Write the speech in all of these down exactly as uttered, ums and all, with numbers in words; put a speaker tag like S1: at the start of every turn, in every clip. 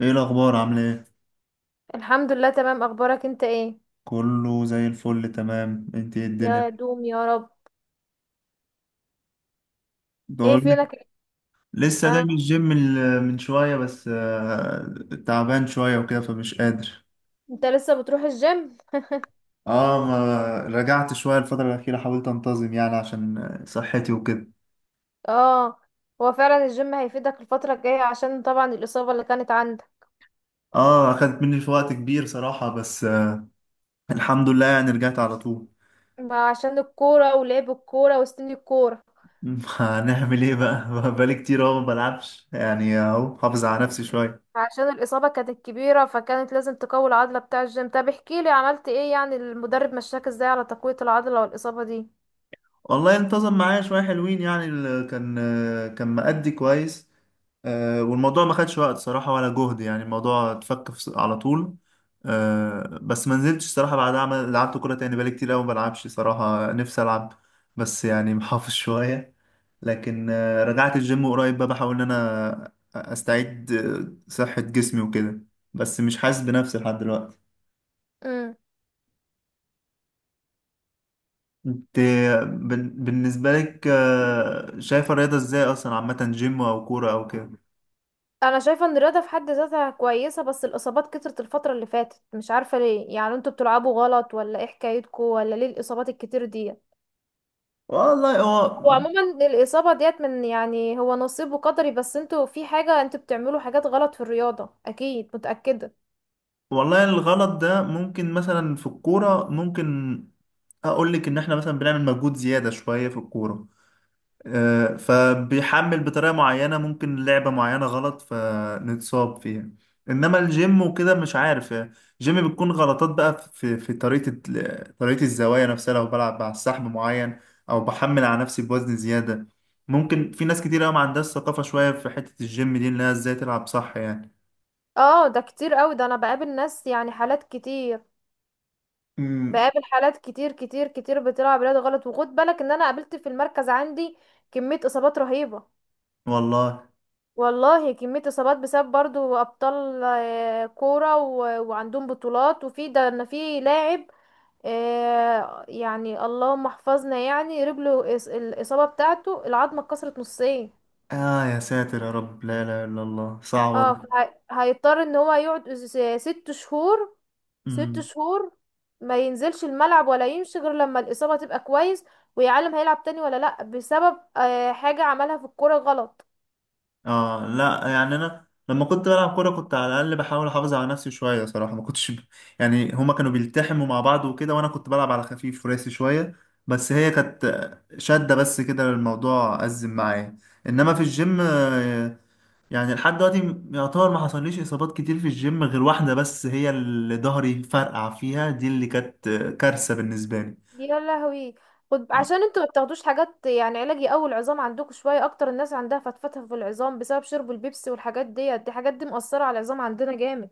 S1: ايه الاخبار؟ عامله ايه؟
S2: الحمد لله، تمام. اخبارك انت ايه؟
S1: كله زي الفل. تمام انت؟ ايه الدنيا
S2: يا دوم يا رب. ايه
S1: دول؟
S2: فينك؟
S1: لسه جاي
S2: اه.
S1: من الجيم ال- من شويه بس آه، تعبان شويه وكده فمش قادر.
S2: انت لسه بتروح الجيم؟
S1: اه، ما رجعت شويه الفتره الاخيره، حاولت انتظم يعني عشان آه، صحتي وكده.
S2: اه. هو فعلا الجيم هيفيدك الفترة الجاية عشان طبعا الإصابة اللي كانت عندك.
S1: اه، اخدت مني في وقت كبير صراحه، بس آه، الحمد لله يعني رجعت على طول.
S2: ما عشان الكورة ولعب الكورة وسن الكورة.
S1: هنعمل ايه بقى؟ بقالي كتير اهو ما بلعبش يعني، اهو حافظ على نفسي شويه.
S2: عشان الإصابة كانت كبيرة فكانت لازم تقوي العضلة بتاع الجيم. طب احكيلي عملت ايه، يعني المدرب مشاك ازاي على تقوية العضلة والإصابة
S1: والله انتظم معايا شويه حلوين يعني، ال- كان آه، كان مأدي كويس. آه، والموضوع ما خدش وقت صراحة ولا جهد، يعني الموضوع اتفك في- على طول. آه، بس ما نزلتش صراحة بعدها، عمل لعبت كورة تاني بقالي كتير أوي ما بلعبش صراحة، نفسي ألعب بس يعني محافظ شوية. لكن آه، رجعت الجيم قريب بقى، بحاول إن أنا أستعيد آه، صحة جسمي وكده، بس مش حاسس بنفسي لحد دلوقتي.
S2: دي؟
S1: انت، بن- بالنسبة لك آه، شايفة الرياضة ازاي أصلا، عامة جيم أو كورة أو كده؟
S2: انا شايفه ان الرياضه في حد ذاتها كويسه، بس الاصابات كترت الفتره اللي فاتت. مش عارفه ليه، يعني انتوا بتلعبوا غلط ولا ايه حكايتكم، ولا ليه الاصابات الكتير دي؟
S1: والله هو.
S2: هو عموما الاصابه ديت من، يعني هو نصيب وقدري، بس انتوا في حاجه انتوا بتعملوا حاجات غلط في الرياضه اكيد، متاكده.
S1: والله الغلط ده ممكن مثلا في الكورة، ممكن اقول لك ان احنا مثلا بنعمل مجهود زيادة شوية في الكورة، آه، فبيحمل بطريقة معينة، ممكن لعبة معينة غلط فنتصاب فيها. انما الجيم وكده مش عارف، آه، الجيم بتكون غلطات بقى في في طريقة ال- طريقة الزوايا نفسها، لو بلعب على سحب معين او بحمل على نفسي بوزن زيادة. ممكن في ناس كتير قوي ما عندهاش ثقافة شوية في حتة الجيم دي، انها ازاي تلعب صح يعني.
S2: اه ده كتير قوي، ده انا بقابل ناس يعني حالات كتير.
S1: امم.
S2: بقابل حالات كتير كتير كتير بتلعب رياضه غلط، وخد بالك ان انا قابلت في المركز عندي كميه اصابات رهيبه.
S1: والله.
S2: والله كمية إصابات بسبب برضو أبطال آه، كورة و- وعندهم بطولات، وفي ده إن في لاعب آه، يعني اللهم احفظنا، يعني رجله إص- الإصابة بتاعته العظمة اتكسرت نصين.
S1: آه يا ساتر، يا رب، لا إله إلا الله، صعبة
S2: اه
S1: دي.
S2: فهي- هيضطر ان هو يقعد س- ست شهور. ست
S1: أمم.
S2: شهور ما ينزلش الملعب ولا يمشي غير لما الإصابة تبقى كويس. ويعلم هيلعب تاني ولا لأ بسبب آه، حاجة عملها في الكورة غلط.
S1: آه لا، يعني أنا لما كنت بلعب كورة كنت على الأقل بحاول أحافظ على نفسي شوية صراحة، ما كنتش ب... يعني هما كانوا بيلتحموا مع بعض وكده، وأنا كنت بلعب على خفيف وراسي شوية، بس هي كانت شدة بس كده الموضوع أزم معايا. إنما في الجيم آه، يعني لحد دلوقتي يعتبر ما حصليش إصابات كتير في الجيم غير واحدة بس، هي اللي ظهري فرقع فيها، دي اللي كانت آه، كارثة بالنسبة لي.
S2: يا لهوي. خد، عشان انتوا ما بتاخدوش حاجات يعني علاج يقوي العظام عندكم شويه، اكتر الناس عندها فتفتة في العظام بسبب شرب البيبسي والحاجات ديت، دي حاجات دي مأثره على العظام عندنا جامد.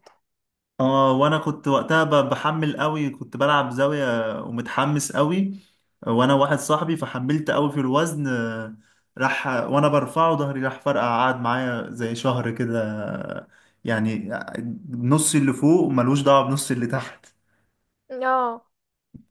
S1: اه، وانا كنت وقتها ب- بحمل قوي، كنت بلعب زاوية ومتحمس قوي وانا واحد صاحبي، فحملت قوي في الوزن آه، راح، وانا برفعه ظهري راح فرقع، قعد معايا زي شهر كده آه، يعني نص اللي فوق ملوش دعوة بنص اللي تحت.
S2: اه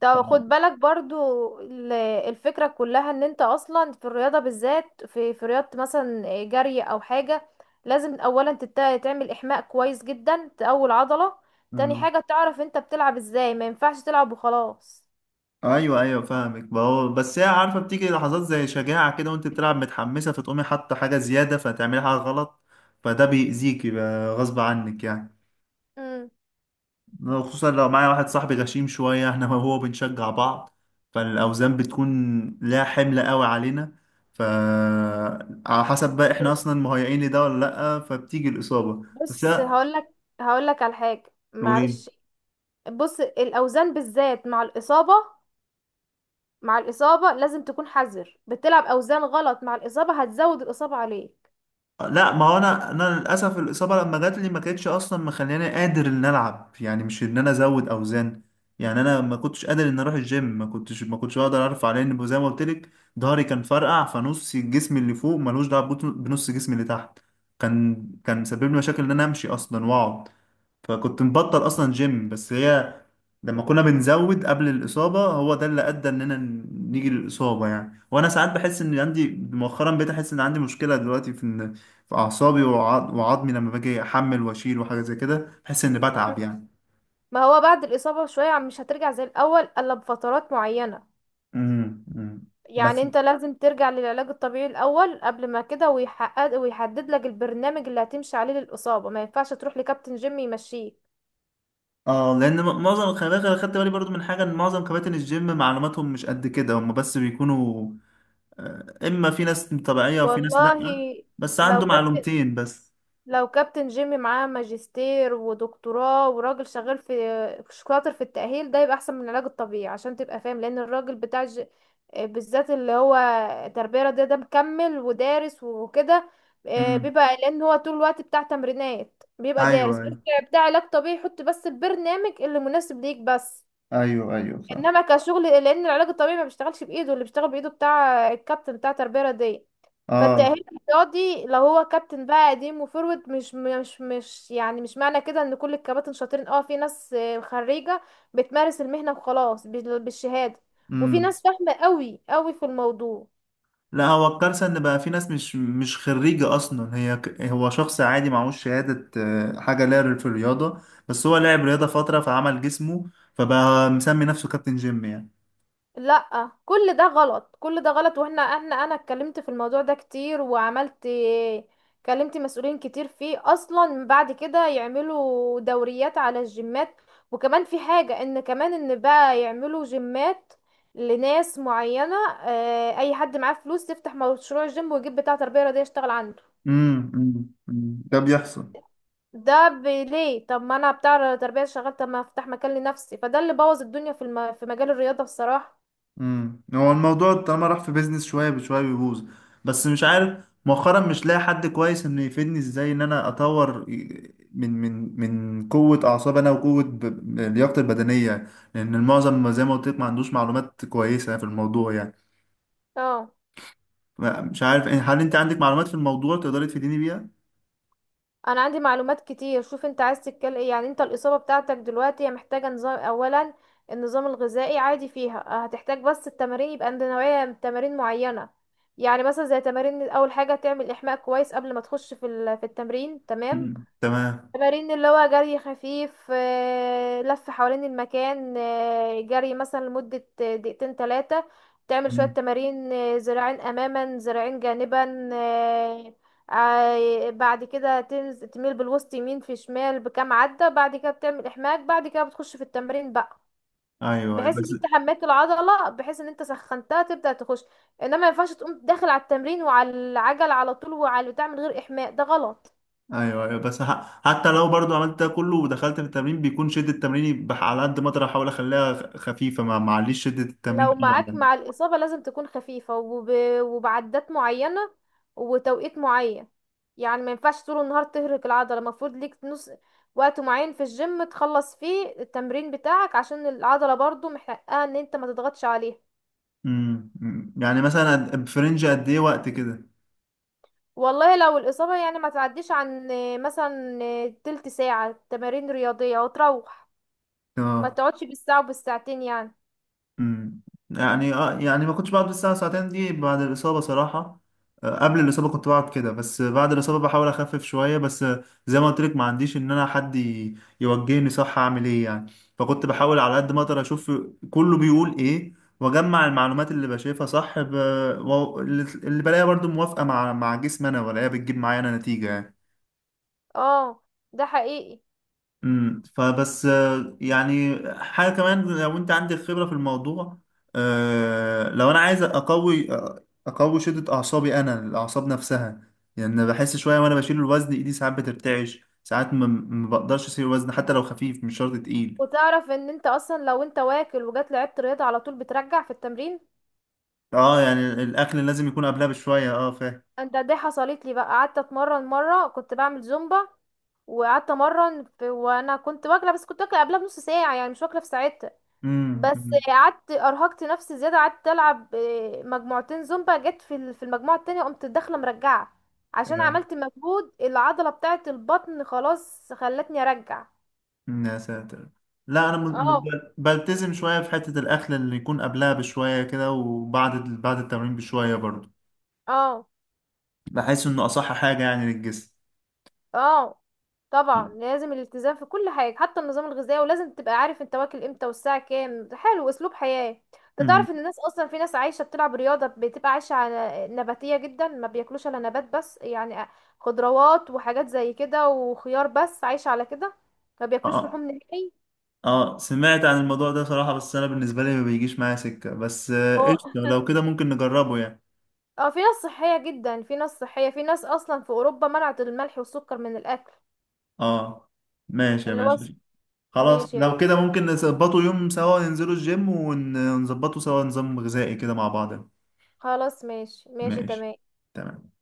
S2: طب خد بالك برضو ال- الفكرة كلها ان انت اصلا في الرياضة بالذات في في رياضة مثلا جري او حاجة، لازم اولا تت- تعمل احماء كويس جدا تقوي العضلة. تاني
S1: مم.
S2: حاجة تعرف انت بتلعب ازاي، ما ينفعش تلعب وخلاص.
S1: ايوه ايوه فاهمك، ما هو بس هي عارفه بتيجي لحظات زي شجاعه كده وانت بتلعب متحمسه، فتقومي حاطه حاجه زياده فتعملي حاجه غلط، فده بيأذيكي بقى غصب عنك يعني.
S2: مم.
S1: خصوصا لو معايا واحد صاحبي غشيم شوية، احنا وهو بنشجع بعض، فالأوزان بتكون لا، حمل قوي علينا. ف على حسب بقى احنا اصلا مهيئين لده ولا لأ، فبتيجي الإصابة. بس
S2: بص
S1: لا.
S2: هقولك، هقولك على حاجة،
S1: قولي.
S2: معلش. بص الأوزان بالذات مع الإصابة، مع الإصابة لازم تكون حذر، بتلعب أوزان غلط مع الإصابة هتزود الإصابة عليك.
S1: لا، ما هو انا انا للاسف الاصابه لما جات لي ما كانتش اصلا مخلياني قادر ان العب يعني، مش ان انا ازود اوزان. يعني انا ما كنتش قادر ان اروح الجيم، ما كنتش ما كنتش اقدر ارفع، لان زي ما قلت لك ظهري كان فرقع، فنص الجسم اللي فوق ملوش دعوه بنص بنص جسمي اللي تحت. كان كان سبب لي مشاكل ان انا امشي اصلا واقعد، فكنت مبطل اصلا جيم. بس هي لما كنا بنزود قبل الاصابه، هو ده اللي ادى اننا نيجي للاصابه يعني. وانا ساعات بحس ان عندي، مؤخرا بقيت احس ان عندي مشكله دلوقتي في إن في اعصابي وعض- وعظمي، لما باجي احمل واشيل وحاجه زي كده بحس اني
S2: مم.
S1: بتعب يعني.
S2: ما هو بعد الإصابة شوية مش هترجع زي الأول إلا بفترات معينة.
S1: امم. أمم.
S2: يعني
S1: بس
S2: انت لازم ترجع للعلاج الطبيعي الأول قبل ما كده، ويحقق ويحدد لك البرنامج اللي هتمشي عليه للإصابة، ما ينفعش تروح لكابتن جيم يمشيك.
S1: اه لان م- معظم، خلي بالك انا خدت بالي برضو من حاجه ان معظم كباتن الجيم معلوماتهم مش قد كده، هم بس بيكونوا آه، اما في ناس طبيعيه وفي ناس
S2: والله.
S1: لا، بس
S2: لو
S1: عنده
S2: كابتن،
S1: معلومتين بس.
S2: لو كابتن جيمي معاه ماجستير ودكتوراه وراجل شغال في، شاطر في التأهيل ده، يبقى احسن من العلاج الطبيعي عشان تبقى فاهم، لان الراجل بتاع ج... آه، بالذات اللي هو تربية رياضية ده مكمل ودارس وكده، آه،
S1: امم.
S2: بيبقى، لان هو طول الوقت بتاع تمرينات بيبقى دارس،
S1: ايوه
S2: بيبقى بتاع علاج طبيعي، يحط بس البرنامج اللي مناسب ليك بس.
S1: ايوه ايوه صح.
S2: انما كشغل، لان العلاج الطبيعي ما بيشتغلش بايده، اللي بيشتغل بايده بتاع الكابتن بتاع التربيه الرياضيه.
S1: اه.
S2: فالتأهيل الرياضي لو هو كابتن بقى قديم وفورورد، مش مش مش يعني مش معنى كده ان كل الكباتن شاطرين. اه في ناس آه، خريجة بتمارس المهنة وخلاص بال- بالشهادة، وفي
S1: امم.
S2: ناس فاهمة قوي قوي في الموضوع.
S1: لا هو الكارثه ان بقى في ناس مش مش خريجه اصلا، هي ك- هو شخص عادي معهوش شهاده آه، حاجه لا في الرياضه، بس هو لعب رياضه فتره فعمل جسمه، فبقى مسمي نفسه كابتن جيم يعني.
S2: لا كل ده غلط كل ده غلط، واحنا احنا انا اتكلمت في الموضوع ده كتير، وعملت، كلمت مسؤولين كتير فيه اصلا، بعد كده يعملوا دوريات على الجيمات. وكمان في حاجة، ان كمان ان بقى يعملوا جيمات لناس معينة، اه اي حد معاه فلوس يفتح مشروع جيم ويجيب بتاع تربية رياضية يشتغل عنده.
S1: امم، أمم. أمم. ده بيحصل.
S2: ده ب- ليه؟ طب ما انا بتاع تربية شغال، طب ما افتح مكان لنفسي. فده اللي بوظ الدنيا في الم... في مجال الرياضة بصراحة.
S1: امم، هو الموضوع طالما راح في بيزنس شويه بشويه بيبوظ. بس مش عارف مؤخرا مش لاقي حد كويس انه يفيدني ازاي ان انا اطور من من من قوه اعصاب انا وقوه ب- لياقتي البدنيه، لان المعظم زي ما قلت لك ما عندوش معلومات كويسه في الموضوع يعني.
S2: اه
S1: مش عارف إيه، هل انت عندك معلومات في الموضوع تقدري تفيديني بيها؟
S2: انا عندي معلومات كتير. شوف انت عايز تتكلم ايه، يعني انت الاصابه بتاعتك دلوقتي هي محتاجه نظام اولا. النظام الغذائي عادي فيها، هتحتاج بس التمارين، يبقى عند نوعيه من تمارين معينه. يعني مثلا زي تمارين، اول حاجه تعمل احماء كويس قبل ما تخش في ال- في التمرين، تمام.
S1: مم. تمام.
S2: تمارين اللي هو جري خفيف، آه، لف حوالين المكان، آه، جري مثلا لمدة دقيقتين ثلاثة. تعمل شوية
S1: مم.
S2: تمارين، آه، ذراعين أماما ذراعين جانبا، آه، آه، بعد كده تنز- تميل بالوسط يمين في شمال بكام عدة. بعد كده بتعمل إحماك. بعد كده بتخش في التمرين بقى،
S1: ايوه، أيوة.
S2: بحيث ان
S1: بس
S2: انت حميت العضلة، بحيث ان انت سخنتها تبدأ تخش. انما ما ينفعش تقوم داخل على التمرين وعلى العجل على طول وعلى بتاع من غير إحماء، ده غلط.
S1: ايوه ايوه، بس ح- حتى لو برضو عملت ده كله ودخلت في التمرين بيكون شده تمريني بح- على قد ما اقدر احاول اخليها خ- خفيفه، ما معليش شده التمرين
S2: لو
S1: قوي
S2: معاك
S1: عليا.
S2: مع الإصابة لازم تكون خفيفة وب... وبعدات معينة وتوقيت معين. يعني ما ينفعش طول النهار تهرق العضلة، المفروض ليك نص، وقت معين في الجيم تخلص فيه التمرين بتاعك عشان العضلة برضو محققة ان انت ما تضغطش عليها.
S1: امم، أمم. يعني مثلا قد- في رينج قد ايه وقت كده؟
S2: والله لو الإصابة يعني ما تعديش عن آه، مثلا آه، تلت ساعة تمارين رياضية وتروح. ما
S1: اه.
S2: تقعدش بالساعة وبالساعتين يعني.
S1: مم. يعني اه، يعني ما كنتش بقعد الساعة ساعتين دي بعد الإصابة صراحة، آه، قبل الإصابة كنت بقعد كده، بس بعد الإصابة بحاول أخفف شوية، بس آه، زي ما قلت لك ما عنديش إن أنا حد ي- يوجهني صح أعمل إيه يعني، فكنت بحاول على قد ما أقدر أشوف كله بيقول إيه وأجمع المعلومات اللي بشايفها صح ب... و- اللي اللي بلاقيها برضو موافقة مع مع جسمي أنا، ولاقيها بتجيب معايا أنا نتيجة يعني.
S2: اه ده حقيقي.
S1: امم، فبس آه، يعني حاجه كمان لو انت عندك خبره في الموضوع، آه، لو انا عايز اقوي آه، اقوي شده اعصابي انا، الاعصاب نفسها. يعني أنا بحس شويه وانا بشيل الوزن، ايدي ساعات بترتعش، ساعات ما ما بقدرش اشيل الوزن حتى لو خفيف، مش شرط تقيل.
S2: وتعرف ان انت اصلا لو انت واكل وجات لعبت رياضة على طول بترجع في التمرين.
S1: اه، يعني الاكل لازم يكون قبلها بشويه، اه فاهم.
S2: ده دي حصلت لي بقى، قعدت اتمرن مره كنت بعمل زومبا، وقعدت امرن في وانا كنت واكله، بس كنت واكله قبلها بنص ساعه يعني مش واكله في ساعتها.
S1: امم،
S2: بس
S1: أمم.
S2: قعدت ارهقت نفسي زياده، قعدت العب آه، مجموعتين زومبا، جت في ال- في المجموعه التانية قمت داخله مرجعه، عشان
S1: آه.
S2: عملت مجهود، العضله بتاعه البطن خلاص خلتني ارجع.
S1: أمم، يا ساتر. لا انا م- م-
S2: اه
S1: بلتزم شويه في حته الاكل اللي يكون قبلها بشويه كده، وبعد بعد التمرين بشويه برضه،
S2: اه
S1: بحس انه اصح حاجه يعني للجسم.
S2: اه طبعا لازم الالتزام في كل حاجة حتى النظام الغذائي، ولازم تبقى عارف انت واكل امتى والساعة كام. حلو، اسلوب حياة. انت
S1: امم.
S2: تعرف ان الناس اصلا، في ناس عايشة بتلعب رياضة بتبقى عايشة على نباتية جدا، ما بياكلوش الا نبات بس يعني خضروات وحاجات زي كده وخيار، بس عايشة على كده، ما
S1: اه،
S2: بياكلوش لحوم
S1: اه،
S2: نهائي.
S1: آه، سمعت عن الموضوع ده صراحه، بس انا بالنسبه لي ما بيجيش معايا سكه، بس آه،
S2: هو
S1: قشطه لو كده ممكن نجربه يعني.
S2: اه في ناس صحية جدا، في ناس صحية، في ناس اصلا في اوروبا منعت الملح والسكر من الاكل
S1: اه، ماشي يا
S2: اللي هو.
S1: باشا. خلاص
S2: ماشي يا
S1: لو
S2: جماعة.
S1: كده ممكن نظبطه يوم سوا، ننزله الجيم ون- ونظبطه سوا نظام غذائي كده مع بعض.
S2: خلاص، ماشي ماشي
S1: ماشي.
S2: تمام.
S1: تمام.